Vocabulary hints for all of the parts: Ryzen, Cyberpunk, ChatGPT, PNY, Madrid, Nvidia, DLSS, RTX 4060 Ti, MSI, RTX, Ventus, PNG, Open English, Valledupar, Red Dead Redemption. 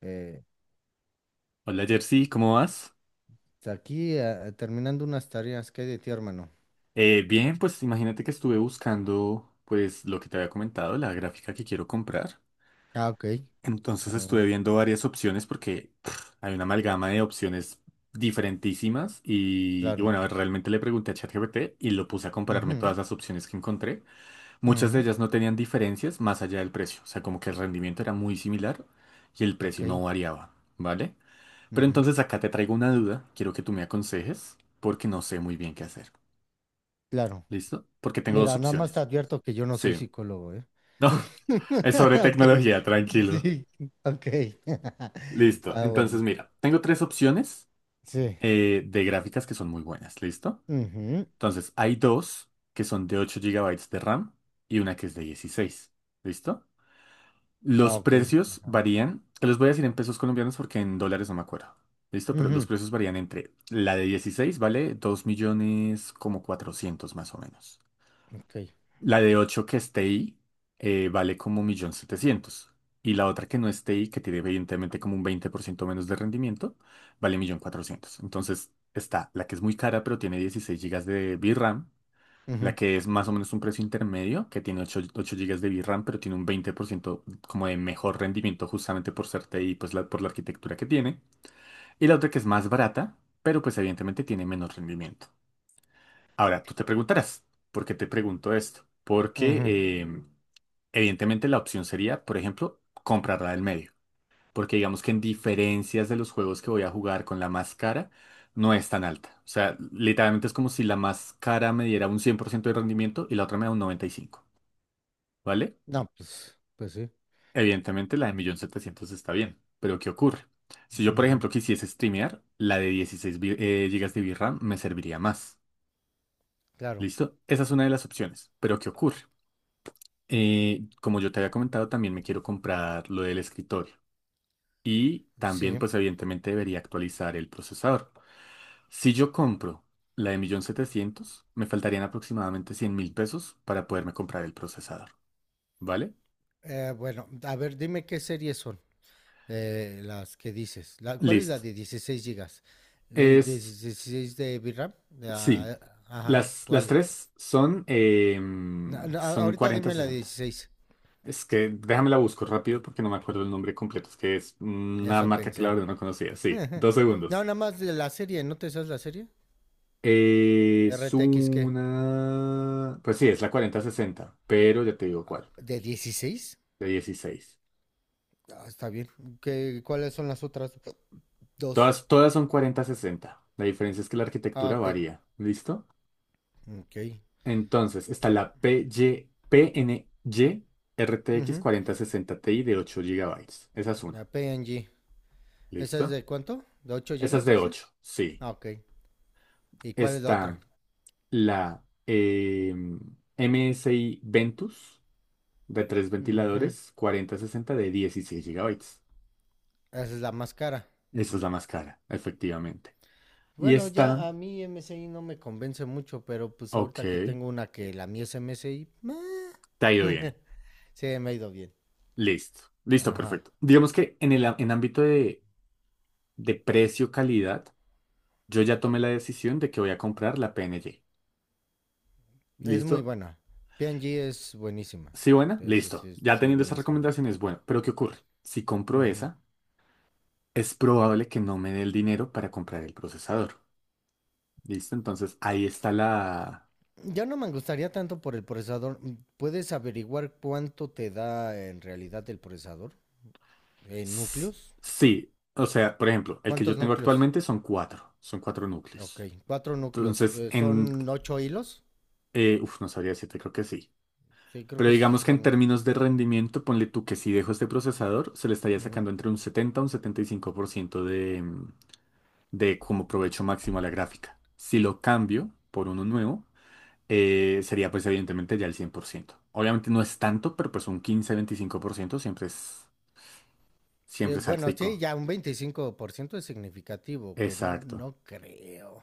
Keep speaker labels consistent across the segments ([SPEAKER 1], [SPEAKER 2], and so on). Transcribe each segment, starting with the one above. [SPEAKER 1] Eh,
[SPEAKER 2] Hola Jersey, ¿cómo vas?
[SPEAKER 1] aquí terminando unas tareas que hay de ti, hermano.
[SPEAKER 2] Bien, pues imagínate que estuve buscando pues lo que te había comentado, la gráfica que quiero comprar.
[SPEAKER 1] Ah, ok.
[SPEAKER 2] Entonces
[SPEAKER 1] Ah,
[SPEAKER 2] estuve viendo varias opciones porque pff, hay una amalgama de opciones diferentísimas y
[SPEAKER 1] claro.
[SPEAKER 2] bueno, realmente le pregunté a ChatGPT y lo puse a compararme
[SPEAKER 1] Ujú,
[SPEAKER 2] todas las opciones que encontré. Muchas de
[SPEAKER 1] ujú,
[SPEAKER 2] ellas no tenían diferencias más allá del precio, o sea, como que el rendimiento era muy similar y el
[SPEAKER 1] ok.
[SPEAKER 2] precio no variaba, ¿vale? Pero
[SPEAKER 1] Ujú,
[SPEAKER 2] entonces acá te traigo una duda, quiero que tú me aconsejes porque no sé muy bien qué hacer.
[SPEAKER 1] claro.
[SPEAKER 2] ¿Listo? Porque tengo dos
[SPEAKER 1] Mira, nada más te
[SPEAKER 2] opciones.
[SPEAKER 1] advierto que yo no soy
[SPEAKER 2] Sí.
[SPEAKER 1] psicólogo, ¿eh?
[SPEAKER 2] No, es sobre
[SPEAKER 1] Ok.
[SPEAKER 2] tecnología, tranquilo.
[SPEAKER 1] Sí, ok.
[SPEAKER 2] Listo.
[SPEAKER 1] Ah,
[SPEAKER 2] Entonces,
[SPEAKER 1] bueno.
[SPEAKER 2] mira, tengo tres opciones
[SPEAKER 1] Sí.
[SPEAKER 2] de gráficas que son muy buenas. ¿Listo?
[SPEAKER 1] Ujú,
[SPEAKER 2] Entonces, hay dos que son de 8 gigabytes de RAM y una que es de dieciséis. ¿Listo?
[SPEAKER 1] ah,
[SPEAKER 2] Los
[SPEAKER 1] ok.
[SPEAKER 2] precios varían, te los voy a decir en pesos colombianos porque en dólares no me acuerdo. ¿Listo? Pero los
[SPEAKER 1] Ujú,
[SPEAKER 2] precios varían entre la de 16 vale 2 millones como cuatrocientos, más o menos.
[SPEAKER 1] ok.
[SPEAKER 2] La de 8 que esté ahí vale como 1.700.000, y la otra que no esté ahí, que tiene evidentemente como un 20% menos de rendimiento, vale 1.400.000. Entonces está la que es muy cara pero tiene 16 gigas de VRAM, la
[SPEAKER 1] Ujú,
[SPEAKER 2] que es más o menos un precio intermedio, que tiene ocho gigas de VRAM pero tiene un 20% como de mejor rendimiento justamente por ser T TI, pues la- por la arquitectura que tiene. Y la otra que es más barata, pero pues evidentemente tiene menos rendimiento. Ahora, tú te preguntarás, ¿por qué te pregunto esto?
[SPEAKER 1] ujú.
[SPEAKER 2] Em, Evidentemente la opción sería, por ejemplo, comprarla del medio, porque digamos que en diferencias de los juegos que voy a jugar con la más cara, no es tan alta. O sea, literalmente es como si la más cara me diera un 100% de rendimiento y la otra me da un 95, ¿vale?
[SPEAKER 1] No, pues sí.
[SPEAKER 2] Evidentemente la de 1.700.000 está bien, pero ¿qué ocurre? Si yo, por
[SPEAKER 1] Ujú,
[SPEAKER 2] ejemplo, quisiese streamear, la de GB de VRAM me serviría más.
[SPEAKER 1] claro.
[SPEAKER 2] ¿Listo? Esa es una de las opciones, pero ¿qué ocurre? Como yo te había comentado, también me quiero comprar lo del escritorio. Y también,
[SPEAKER 1] Sí.
[SPEAKER 2] pues evidentemente debería actualizar el procesador. Si yo compro la de 1.700.000, me faltarían aproximadamente 100 mil pesos para poderme comprar el procesador. ¿Vale?
[SPEAKER 1] Bueno, a ver, dime qué series son. Las que dices. ¿Cuál es la
[SPEAKER 2] Listo.
[SPEAKER 1] de 16 gigas? ¿El de
[SPEAKER 2] Es,
[SPEAKER 1] 16 de VRAM?
[SPEAKER 2] sí,
[SPEAKER 1] Ah, ajá,
[SPEAKER 2] las
[SPEAKER 1] ¿cuál es?
[SPEAKER 2] tres son,
[SPEAKER 1] No, no,
[SPEAKER 2] son
[SPEAKER 1] ahorita
[SPEAKER 2] cuarenta
[SPEAKER 1] dime la de
[SPEAKER 2] sesenta.
[SPEAKER 1] 16.
[SPEAKER 2] Es que déjame la busco rápido porque no me acuerdo el nombre completo. Es que es una
[SPEAKER 1] Eso
[SPEAKER 2] marca que la
[SPEAKER 1] pensé.
[SPEAKER 2] verdad no conocía. Sí, dos
[SPEAKER 1] No,
[SPEAKER 2] segundos.
[SPEAKER 1] nada más de la serie, ¿no te sabes la serie?
[SPEAKER 2] Es
[SPEAKER 1] RTX, ¿qué?
[SPEAKER 2] una... Pues sí, es la cuarenta sesenta pero ya te digo cuál.
[SPEAKER 1] ¿De 16?
[SPEAKER 2] De dieciséis.
[SPEAKER 1] Ah, está bien. ¿Cuáles son las otras? Dos.
[SPEAKER 2] Todas son cuarenta sesenta. La diferencia es que la
[SPEAKER 1] Ah,
[SPEAKER 2] arquitectura
[SPEAKER 1] ok.
[SPEAKER 2] varía. ¿Listo?
[SPEAKER 1] Ok.
[SPEAKER 2] Entonces, está la p Y, p n y r PY, PNY RTX
[SPEAKER 1] Ujú.
[SPEAKER 2] 4060 Ti de 8 gigabytes. Esa es
[SPEAKER 1] La
[SPEAKER 2] una.
[SPEAKER 1] PNG. ¿Esa es
[SPEAKER 2] ¿Listo?
[SPEAKER 1] de cuánto? ¿De 8
[SPEAKER 2] Esa es
[SPEAKER 1] gigas,
[SPEAKER 2] de ocho.
[SPEAKER 1] dices?
[SPEAKER 2] Sí.
[SPEAKER 1] Ah, ok. ¿Y cuál es la
[SPEAKER 2] Está
[SPEAKER 1] otra?
[SPEAKER 2] la M S i Ventus de 3
[SPEAKER 1] Ujú.
[SPEAKER 2] ventiladores, cuarenta sesenta, de 16 gigabytes.
[SPEAKER 1] Esa es la más cara.
[SPEAKER 2] Esa es la más cara, efectivamente. Y
[SPEAKER 1] Bueno,
[SPEAKER 2] está...
[SPEAKER 1] ya a mí MSI no me convence mucho, pero pues
[SPEAKER 2] Ok.
[SPEAKER 1] ahorita que tengo una que la mía es MSI, meh.
[SPEAKER 2] Te ha ido bien.
[SPEAKER 1] Sí, me ha ido bien.
[SPEAKER 2] Listo, listo,
[SPEAKER 1] Ajá,
[SPEAKER 2] perfecto. Digamos que en el en ámbito de precio-calidad, yo ya tomé la decisión de que voy a comprar la PNG.
[SPEAKER 1] es muy
[SPEAKER 2] ¿Listo?
[SPEAKER 1] buena. PNG es buenísima.
[SPEAKER 2] ¿Sí, buena?
[SPEAKER 1] Sí, sí,
[SPEAKER 2] Listo.
[SPEAKER 1] sí,
[SPEAKER 2] Ya
[SPEAKER 1] sí,
[SPEAKER 2] teniendo esas
[SPEAKER 1] buenísima.
[SPEAKER 2] recomendaciones, bueno, pero ¿qué ocurre? Si compro
[SPEAKER 1] Ujú.
[SPEAKER 2] esa, es probable que no me dé el dinero para comprar el procesador. ¿Listo? Entonces ahí está la...
[SPEAKER 1] Ya no me gustaría tanto por el procesador. ¿Puedes averiguar cuánto te da en realidad el procesador? ¿En
[SPEAKER 2] S-
[SPEAKER 1] núcleos?
[SPEAKER 2] Sí, o sea, por ejemplo, el que
[SPEAKER 1] ¿Cuántos
[SPEAKER 2] yo tengo
[SPEAKER 1] núcleos?
[SPEAKER 2] actualmente son cuatro
[SPEAKER 1] Ok,
[SPEAKER 2] núcleos.
[SPEAKER 1] cuatro núcleos.
[SPEAKER 2] Entonces, en...
[SPEAKER 1] ¿Son ocho hilos?
[SPEAKER 2] Uf, no sabría decirte, creo que sí.
[SPEAKER 1] Sí, creo
[SPEAKER 2] Pero
[SPEAKER 1] que sí
[SPEAKER 2] digamos que en
[SPEAKER 1] son.
[SPEAKER 2] términos de rendimiento, ponle tú que si dejo este procesador, se le estaría
[SPEAKER 1] Ujú.
[SPEAKER 2] sacando entre un 70 a un 75% de, de como provecho máximo a la gráfica. Si lo cambio por uno nuevo, sería pues evidentemente ya el cien por ciento. Obviamente no es tanto, pero pues un quince veinticinco por ciento
[SPEAKER 1] Sí,
[SPEAKER 2] siempre es
[SPEAKER 1] bueno, sí,
[SPEAKER 2] altico.
[SPEAKER 1] ya un 25% es significativo, que no,
[SPEAKER 2] Exacto.
[SPEAKER 1] no creo,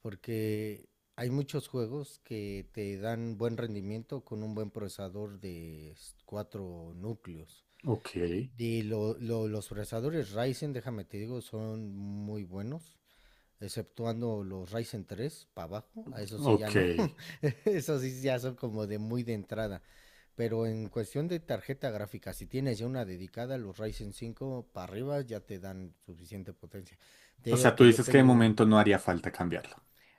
[SPEAKER 1] porque hay muchos juegos que te dan buen rendimiento con un buen procesador de cuatro núcleos.
[SPEAKER 2] Ok,
[SPEAKER 1] Y los procesadores Ryzen, déjame te digo, son muy buenos. Exceptuando los Ryzen 3 para abajo, a eso sí ya
[SPEAKER 2] ok.
[SPEAKER 1] no. Eso sí ya son como de muy de entrada. Pero en cuestión de tarjeta gráfica, si tienes ya una dedicada, los Ryzen 5 para arriba ya te dan suficiente potencia. Te
[SPEAKER 2] O sea,
[SPEAKER 1] digo
[SPEAKER 2] tú
[SPEAKER 1] que yo
[SPEAKER 2] dices que de
[SPEAKER 1] tengo...
[SPEAKER 2] momento no haría falta cambiarlo.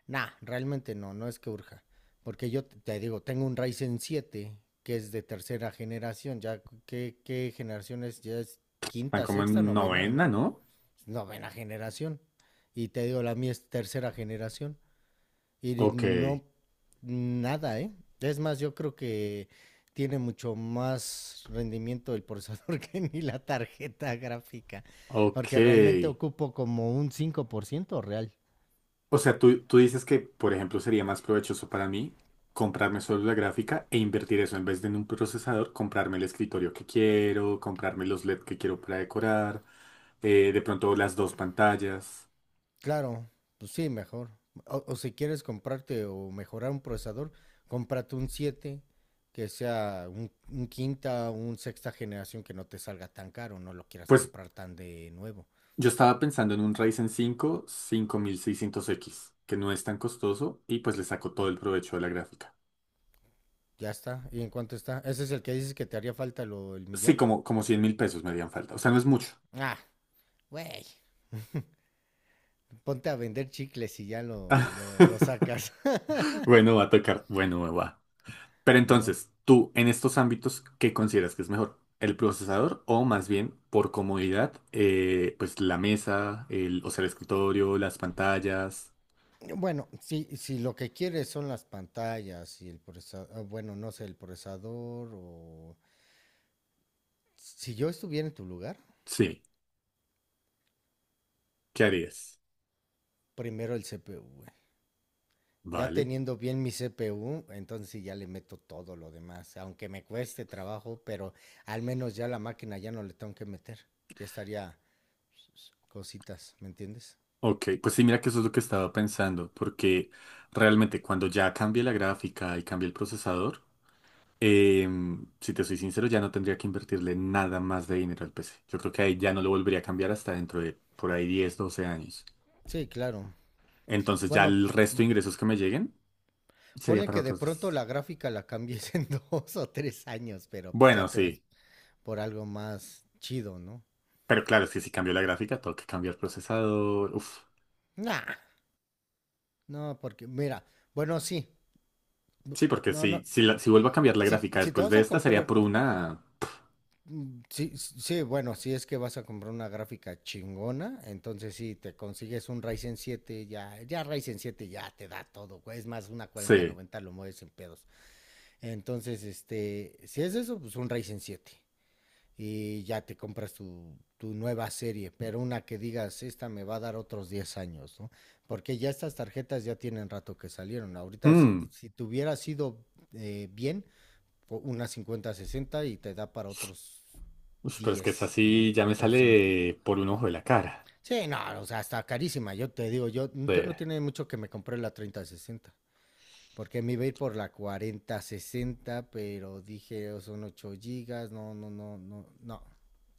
[SPEAKER 1] Nah, realmente no, no es que urja. Porque yo digo, tengo un Ryzen 7 que es de tercera generación. Ya, ¿qué generación es? Ya es
[SPEAKER 2] Están
[SPEAKER 1] quinta,
[SPEAKER 2] como
[SPEAKER 1] sexta,
[SPEAKER 2] en
[SPEAKER 1] novena,
[SPEAKER 2] novena,
[SPEAKER 1] ¿no?
[SPEAKER 2] ¿no?
[SPEAKER 1] Novena generación. Y te digo, la mía es tercera generación. Y
[SPEAKER 2] Ok,
[SPEAKER 1] no, nada, ¿eh? Es más, yo creo que tiene mucho más rendimiento el procesador que ni la tarjeta gráfica, porque realmente
[SPEAKER 2] ok.
[SPEAKER 1] ocupo como un 5% real.
[SPEAKER 2] O sea, tú dices que, por ejemplo, sería más provechoso para mí comprarme solo la gráfica e invertir eso en vez de en un procesador, comprarme el escritorio que quiero, comprarme los LED que quiero para decorar, de pronto las dos pantallas.
[SPEAKER 1] Claro, pues sí, mejor. O si quieres comprarte o mejorar un procesador, cómprate un 7 que sea un quinta o un sexta generación que no te salga tan caro, no lo quieras
[SPEAKER 2] Pues
[SPEAKER 1] comprar tan de nuevo.
[SPEAKER 2] yo estaba pensando en un Ryzen 5 5600X que no es tan costoso y pues le saco todo el provecho de la gráfica.
[SPEAKER 1] Ya está. ¿Y en cuánto está? ¿Ese es el que dices que te haría falta el
[SPEAKER 2] Sí,
[SPEAKER 1] millón?
[SPEAKER 2] como, como 100 mil pesos me harían falta. O sea, no es mucho.
[SPEAKER 1] Ah, güey, ponte a vender chicles y ya lo sacas.
[SPEAKER 2] Bueno, va a tocar. Bueno, va. Pero
[SPEAKER 1] ¿No?
[SPEAKER 2] entonces, tú en estos ámbitos, ¿qué consideras que es mejor? ¿El procesador o más bien por comodidad, pues la mesa, el, o sea, el escritorio, las pantallas?
[SPEAKER 1] Bueno, si lo que quieres son las pantallas y el procesador, bueno, no sé, el procesador o... Si yo estuviera en tu lugar,
[SPEAKER 2] Sí, ¿qué harías?
[SPEAKER 1] primero el CPU, güey. Ya
[SPEAKER 2] Vale.
[SPEAKER 1] teniendo bien mi CPU, entonces sí ya le meto todo lo demás, aunque me cueste trabajo, pero al menos ya la máquina ya no le tengo que meter. Ya estaría cositas, ¿me entiendes?
[SPEAKER 2] Ok, pues sí, mira que eso es lo que estaba pensando, porque realmente cuando ya cambie la gráfica y cambie el procesador, si te soy sincero, ya no tendría que invertirle nada más de dinero al PC. Yo creo que ahí ya no lo volvería a cambiar hasta dentro de por ahí 10, 12 años.
[SPEAKER 1] Sí, claro.
[SPEAKER 2] Entonces ya
[SPEAKER 1] Bueno,
[SPEAKER 2] el resto de ingresos que me lleguen sería
[SPEAKER 1] ponle
[SPEAKER 2] para
[SPEAKER 1] que de
[SPEAKER 2] otros
[SPEAKER 1] pronto
[SPEAKER 2] dos.
[SPEAKER 1] la gráfica la cambies en dos o tres años, pero pues ya
[SPEAKER 2] Bueno,
[SPEAKER 1] te vas
[SPEAKER 2] sí.
[SPEAKER 1] por algo más chido, ¿no?
[SPEAKER 2] Pero claro, es que si cambio la gráfica, tengo que cambiar procesador. Uf.
[SPEAKER 1] Nah, no, porque mira, bueno, sí, bu-
[SPEAKER 2] Sí, porque
[SPEAKER 1] no, no,
[SPEAKER 2] si vuelvo a cambiar la
[SPEAKER 1] si,
[SPEAKER 2] gráfica
[SPEAKER 1] si te
[SPEAKER 2] después
[SPEAKER 1] vas
[SPEAKER 2] de
[SPEAKER 1] a
[SPEAKER 2] esta, sería
[SPEAKER 1] comprar,
[SPEAKER 2] por una...
[SPEAKER 1] sí, sí, bueno, si es que vas a comprar una gráfica chingona, entonces sí, te consigues un Ryzen 7 ya, Ryzen siete ya te da todo, güey, es más, una cuarenta
[SPEAKER 2] Sí.
[SPEAKER 1] noventa lo mueves en pedos. Entonces, si es eso, pues un Ryzen 7. Y ya te compras tu nueva serie, pero una que digas, esta me va a dar otros 10 años, ¿no? Porque ya estas tarjetas ya tienen rato que salieron. Ahorita, si,
[SPEAKER 2] Hmm.
[SPEAKER 1] si te hubiera sido bien, una 5060 y te da para otros
[SPEAKER 2] Uf, pero es que esa
[SPEAKER 1] diez, ¿no?
[SPEAKER 2] sí ya
[SPEAKER 1] Para
[SPEAKER 2] me
[SPEAKER 1] otros cinco.
[SPEAKER 2] sale por un ojo de la cara.
[SPEAKER 1] Sí, no, o sea, está carísima. Yo te digo, yo,
[SPEAKER 2] Sí.
[SPEAKER 1] yo no tiene mucho que me compré la 3060 porque me iba a ir por la 4060, pero dije, "Oh, son 8 gigas, no, no, no, no, no.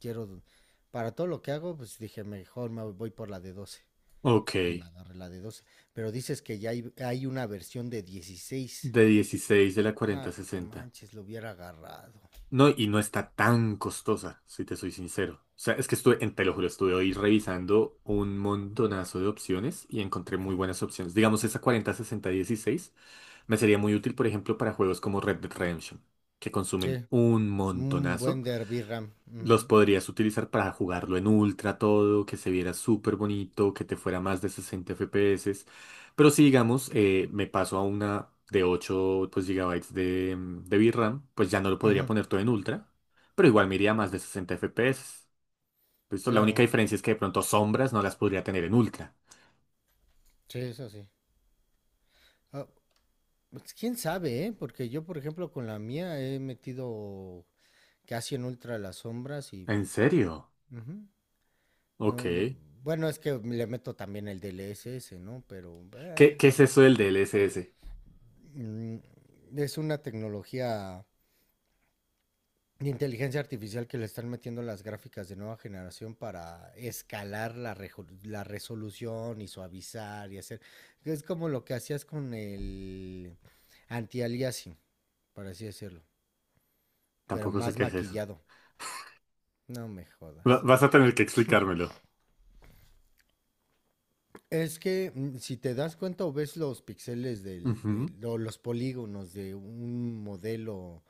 [SPEAKER 1] Quiero, para todo lo que hago", pues dije, mejor me voy por la de 12.
[SPEAKER 2] Ok.
[SPEAKER 1] Y me agarré la de 12. Pero dices que ya hay una versión de 16.
[SPEAKER 2] De dieciséis, de la
[SPEAKER 1] No,
[SPEAKER 2] cuarenta
[SPEAKER 1] que
[SPEAKER 2] sesenta.
[SPEAKER 1] manches, lo hubiera agarrado.
[SPEAKER 2] No, y no está tan costosa, si te soy sincero. O sea, es que estuve, te lo juro, estuve hoy revisando un montonazo de opciones y encontré muy
[SPEAKER 1] Ajá.
[SPEAKER 2] buenas opciones. Digamos, esa 40, 60, 16 me sería muy útil, por ejemplo, para juegos como Red Dead Redemption, que
[SPEAKER 1] Sí,
[SPEAKER 2] consumen un
[SPEAKER 1] un
[SPEAKER 2] montonazo.
[SPEAKER 1] buen Derby RAM.
[SPEAKER 2] Los
[SPEAKER 1] Ujú,
[SPEAKER 2] podrías utilizar para jugarlo en ultra todo, que se viera súper bonito, que te fuera más de 60 FPS. Pero si digamos, me paso a una de 8 pues, GB de, de VRAM, pues ya no lo podría
[SPEAKER 1] ujú,
[SPEAKER 2] poner todo en ultra, pero igual me iría a más de 60 FPS. ¿Listo? La única
[SPEAKER 1] claro,
[SPEAKER 2] diferencia es que de pronto sombras no las podría tener en ultra.
[SPEAKER 1] sí, eso sí. Ah, pues, quién sabe, ¿eh? Porque yo, por ejemplo, con la mía he metido casi en ultra las sombras y...
[SPEAKER 2] ¿En serio?
[SPEAKER 1] Ujú.
[SPEAKER 2] Ok.
[SPEAKER 1] No, no. Bueno, es que le meto también el DLSS, ¿no? Pero
[SPEAKER 2] Qué es eso del D L s s
[SPEAKER 1] mm, es una tecnología de inteligencia artificial que le están metiendo las gráficas de nueva generación para escalar la resolución y suavizar y hacer. Es como lo que hacías con el anti-aliasing, por así decirlo, pero
[SPEAKER 2] Tampoco sé
[SPEAKER 1] más
[SPEAKER 2] qué es eso.
[SPEAKER 1] maquillado. No me jodas.
[SPEAKER 2] Vas a tener que explicármelo.
[SPEAKER 1] Es que si te das cuenta o ves los píxeles
[SPEAKER 2] Ujú.
[SPEAKER 1] o los polígonos de un modelo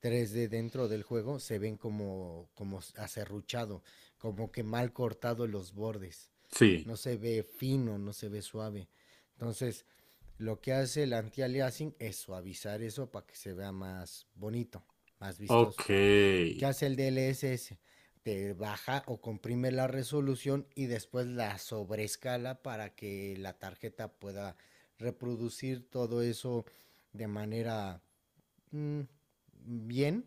[SPEAKER 1] 3D dentro del juego, se ven como, acerruchado, como que mal cortado los bordes.
[SPEAKER 2] Sí.
[SPEAKER 1] No se ve fino, no se ve suave. Entonces, lo que hace el anti-aliasing es suavizar eso para que se vea más bonito, más vistoso.
[SPEAKER 2] Ok.
[SPEAKER 1] ¿Qué hace el DLSS? Te baja o comprime la resolución y después la sobreescala para que la tarjeta pueda reproducir todo eso de manera mm, bien,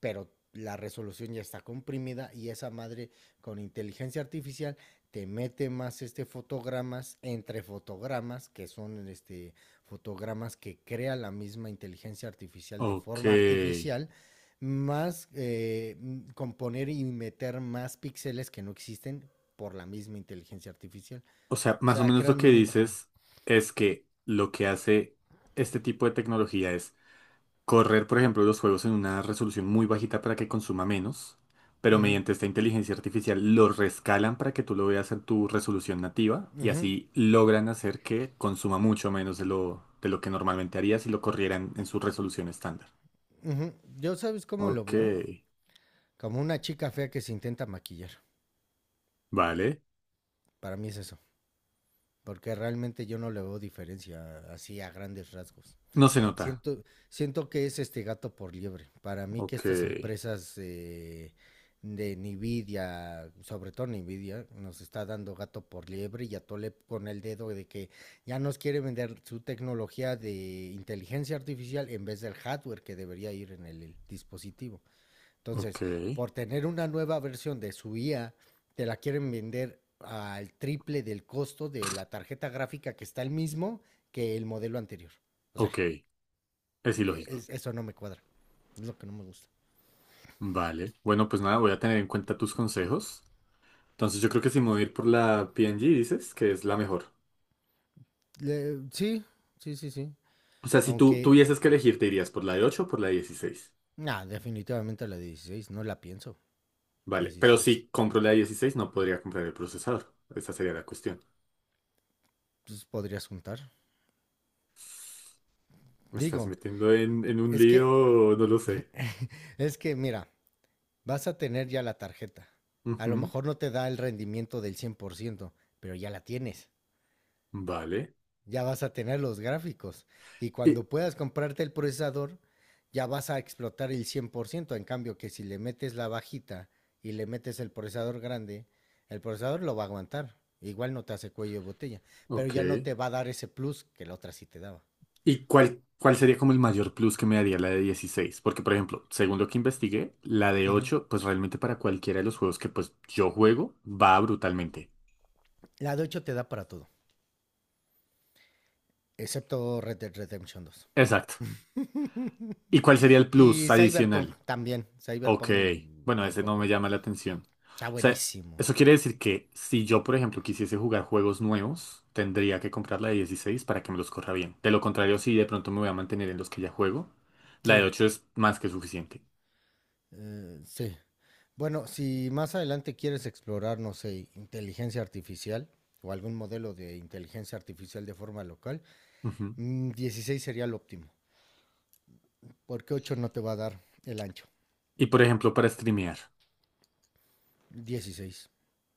[SPEAKER 1] pero la resolución ya está comprimida y esa madre con inteligencia artificial te mete más fotogramas entre fotogramas que son fotogramas que crea la misma inteligencia artificial de
[SPEAKER 2] Ok.
[SPEAKER 1] forma artificial, más componer y meter más píxeles que no existen por la misma inteligencia artificial,
[SPEAKER 2] O sea,
[SPEAKER 1] o
[SPEAKER 2] más o
[SPEAKER 1] sea
[SPEAKER 2] menos lo
[SPEAKER 1] creando
[SPEAKER 2] que
[SPEAKER 1] una imagen.
[SPEAKER 2] dices es que lo que hace este tipo de tecnología es correr, por ejemplo, los juegos en una resolución muy bajita para que consuma menos, pero
[SPEAKER 1] Ujú,
[SPEAKER 2] mediante esta inteligencia artificial lo rescalan para que tú lo veas en tu resolución nativa y
[SPEAKER 1] ujú,
[SPEAKER 2] así logran hacer que consuma mucho menos de lo que normalmente haría si lo corrieran en su resolución estándar.
[SPEAKER 1] ujú. Yo, sabes cómo lo
[SPEAKER 2] Ok.
[SPEAKER 1] veo, como una chica fea que se intenta maquillar.
[SPEAKER 2] Vale.
[SPEAKER 1] Para mí es eso, porque realmente yo no le veo diferencia así a grandes rasgos.
[SPEAKER 2] No se nota.
[SPEAKER 1] Siento, siento que es este gato por liebre. Para mí que
[SPEAKER 2] Ok.
[SPEAKER 1] estas empresas de Nvidia, sobre todo Nvidia, nos está dando gato por liebre y atole con el dedo de que ya nos quiere vender su tecnología de inteligencia artificial en vez del hardware que debería ir en el dispositivo.
[SPEAKER 2] Ok.
[SPEAKER 1] Entonces, por tener una nueva versión de su IA, te la quieren vender al triple del costo de la tarjeta gráfica que está el mismo que el modelo anterior. O sea,
[SPEAKER 2] Ok. Es ilógico.
[SPEAKER 1] eso no me cuadra. Es lo que no me gusta.
[SPEAKER 2] Vale. Bueno, pues nada, voy a tener en cuenta tus consejos. Entonces yo creo que si me voy a ir por la PNG, dices que es la mejor.
[SPEAKER 1] Sí, sí, sí, sí.
[SPEAKER 2] O sea, si tú
[SPEAKER 1] Aunque,
[SPEAKER 2] tuvieses que elegir, ¿te irías por la de 8 o por la de 16?
[SPEAKER 1] nah, definitivamente la 16 no la pienso.
[SPEAKER 2] Vale. Pero
[SPEAKER 1] 16.
[SPEAKER 2] si compro la de 16, no podría comprar el procesador. Esa sería la cuestión.
[SPEAKER 1] Pues podrías juntar.
[SPEAKER 2] Me estás
[SPEAKER 1] Digo,
[SPEAKER 2] metiendo en un
[SPEAKER 1] es que,
[SPEAKER 2] lío, no lo sé.
[SPEAKER 1] es que, mira, vas a tener ya la tarjeta. A lo
[SPEAKER 2] Ujú.
[SPEAKER 1] mejor no te da el rendimiento del 100%, pero ya la tienes.
[SPEAKER 2] Vale.
[SPEAKER 1] Ya vas a tener los gráficos. Y
[SPEAKER 2] Y,
[SPEAKER 1] cuando puedas comprarte el procesador, ya vas a explotar el 100%. En cambio, que si le metes la bajita y le metes el procesador grande, el procesador lo va a aguantar. Igual no te hace cuello de botella, pero
[SPEAKER 2] ok.
[SPEAKER 1] ya no te va a dar ese plus que la otra sí te daba.
[SPEAKER 2] ¿Y cuál sería como el mayor plus que me daría la de dieciséis? Porque, por ejemplo, según lo que investigué, la de
[SPEAKER 1] Ujú.
[SPEAKER 2] 8 pues realmente para cualquiera de los juegos que pues yo juego, va brutalmente.
[SPEAKER 1] La de 8 te da para todo, excepto Red Dead Redemption dos.
[SPEAKER 2] Exacto. ¿Y cuál sería el plus
[SPEAKER 1] Y Cyberpunk
[SPEAKER 2] adicional?
[SPEAKER 1] también.
[SPEAKER 2] Ok,
[SPEAKER 1] Cyberpunk
[SPEAKER 2] bueno, ese no me
[SPEAKER 1] tampoco.
[SPEAKER 2] llama la atención.
[SPEAKER 1] Está
[SPEAKER 2] O sea,
[SPEAKER 1] buenísimo.
[SPEAKER 2] eso quiere decir que si yo, por ejemplo, quisiese jugar juegos nuevos, tendría que comprar la de 16 para que me los corra bien. De lo contrario, si de pronto me voy a mantener en los que ya juego, la de
[SPEAKER 1] Sí.
[SPEAKER 2] 8 es más que suficiente.
[SPEAKER 1] Sí. Bueno, si más adelante quieres explorar, no sé, inteligencia artificial o algún modelo de inteligencia artificial de forma local,
[SPEAKER 2] Ujú.
[SPEAKER 1] 16 sería el óptimo, porque 8 no te va a dar el ancho.
[SPEAKER 2] Y, por ejemplo, para streamear.
[SPEAKER 1] 16.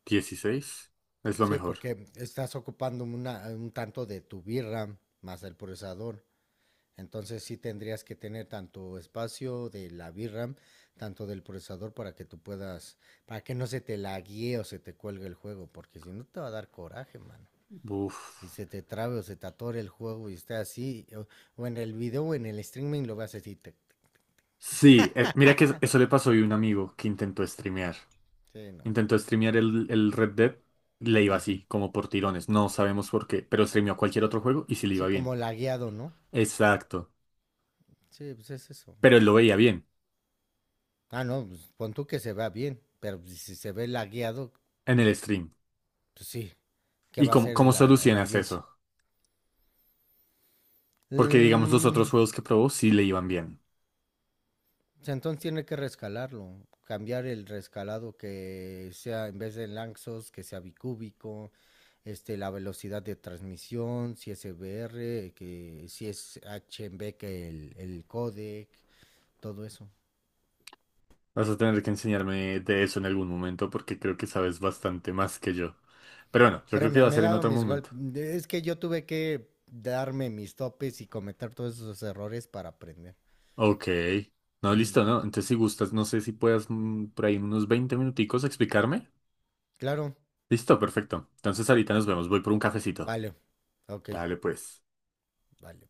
[SPEAKER 2] Dieciséis es lo
[SPEAKER 1] Sí,
[SPEAKER 2] mejor.
[SPEAKER 1] porque estás ocupando un tanto de tu VRAM más el procesador. Entonces sí tendrías que tener tanto espacio de la VRAM, tanto del procesador para que tú puedas, para que no se te laguee o se te cuelgue el juego, porque si no te va a dar coraje, mano.
[SPEAKER 2] Uf.
[SPEAKER 1] Que se te trabe o se te atore el juego y esté así, o en el video o en el streaming lo veas
[SPEAKER 2] Sí, mira que eso le pasó a un amigo que intentó streamear.
[SPEAKER 1] sí, no.
[SPEAKER 2] Intentó streamear el Red Dead, le iba
[SPEAKER 1] Ujú.
[SPEAKER 2] así, como por tirones. No sabemos por qué, pero streameó cualquier otro juego y sí le iba
[SPEAKER 1] Sí,
[SPEAKER 2] bien.
[SPEAKER 1] como lagueado, ¿no?
[SPEAKER 2] Exacto.
[SPEAKER 1] Sí, pues es eso.
[SPEAKER 2] Pero él lo veía bien
[SPEAKER 1] Ah, no, pues pon tú que se vea bien, pero pues si se ve lagueado,
[SPEAKER 2] en el stream.
[SPEAKER 1] pues sí, ¿qué va a hacer
[SPEAKER 2] Cómo
[SPEAKER 1] la
[SPEAKER 2] solucionas
[SPEAKER 1] audiencia?
[SPEAKER 2] eso? Porque digamos los otros
[SPEAKER 1] Mm,
[SPEAKER 2] juegos que probó sí le iban bien.
[SPEAKER 1] O entonces tiene que rescalarlo, cambiar el rescalado que sea en vez de laxos, que sea bicúbico, la velocidad de transmisión, si es EBR, que si es HMB, que el codec, todo eso.
[SPEAKER 2] Vas a tener que enseñarme de eso en algún momento porque creo que sabes bastante más que yo. Pero bueno, yo creo que
[SPEAKER 1] Créeme,
[SPEAKER 2] va a
[SPEAKER 1] me he
[SPEAKER 2] ser en
[SPEAKER 1] dado
[SPEAKER 2] otro
[SPEAKER 1] mis
[SPEAKER 2] momento.
[SPEAKER 1] golpes. Es que yo tuve que darme mis topes y cometer todos esos errores para aprender.
[SPEAKER 2] Ok. No,
[SPEAKER 1] Ujú.
[SPEAKER 2] listo, ¿no? Entonces, si gustas, no sé si puedas por ahí en unos 20 minuticos explicarme.
[SPEAKER 1] Claro,
[SPEAKER 2] Listo, perfecto. Entonces, ahorita nos vemos. Voy por un cafecito.
[SPEAKER 1] vale. Ok,
[SPEAKER 2] Dale, pues.
[SPEAKER 1] vale.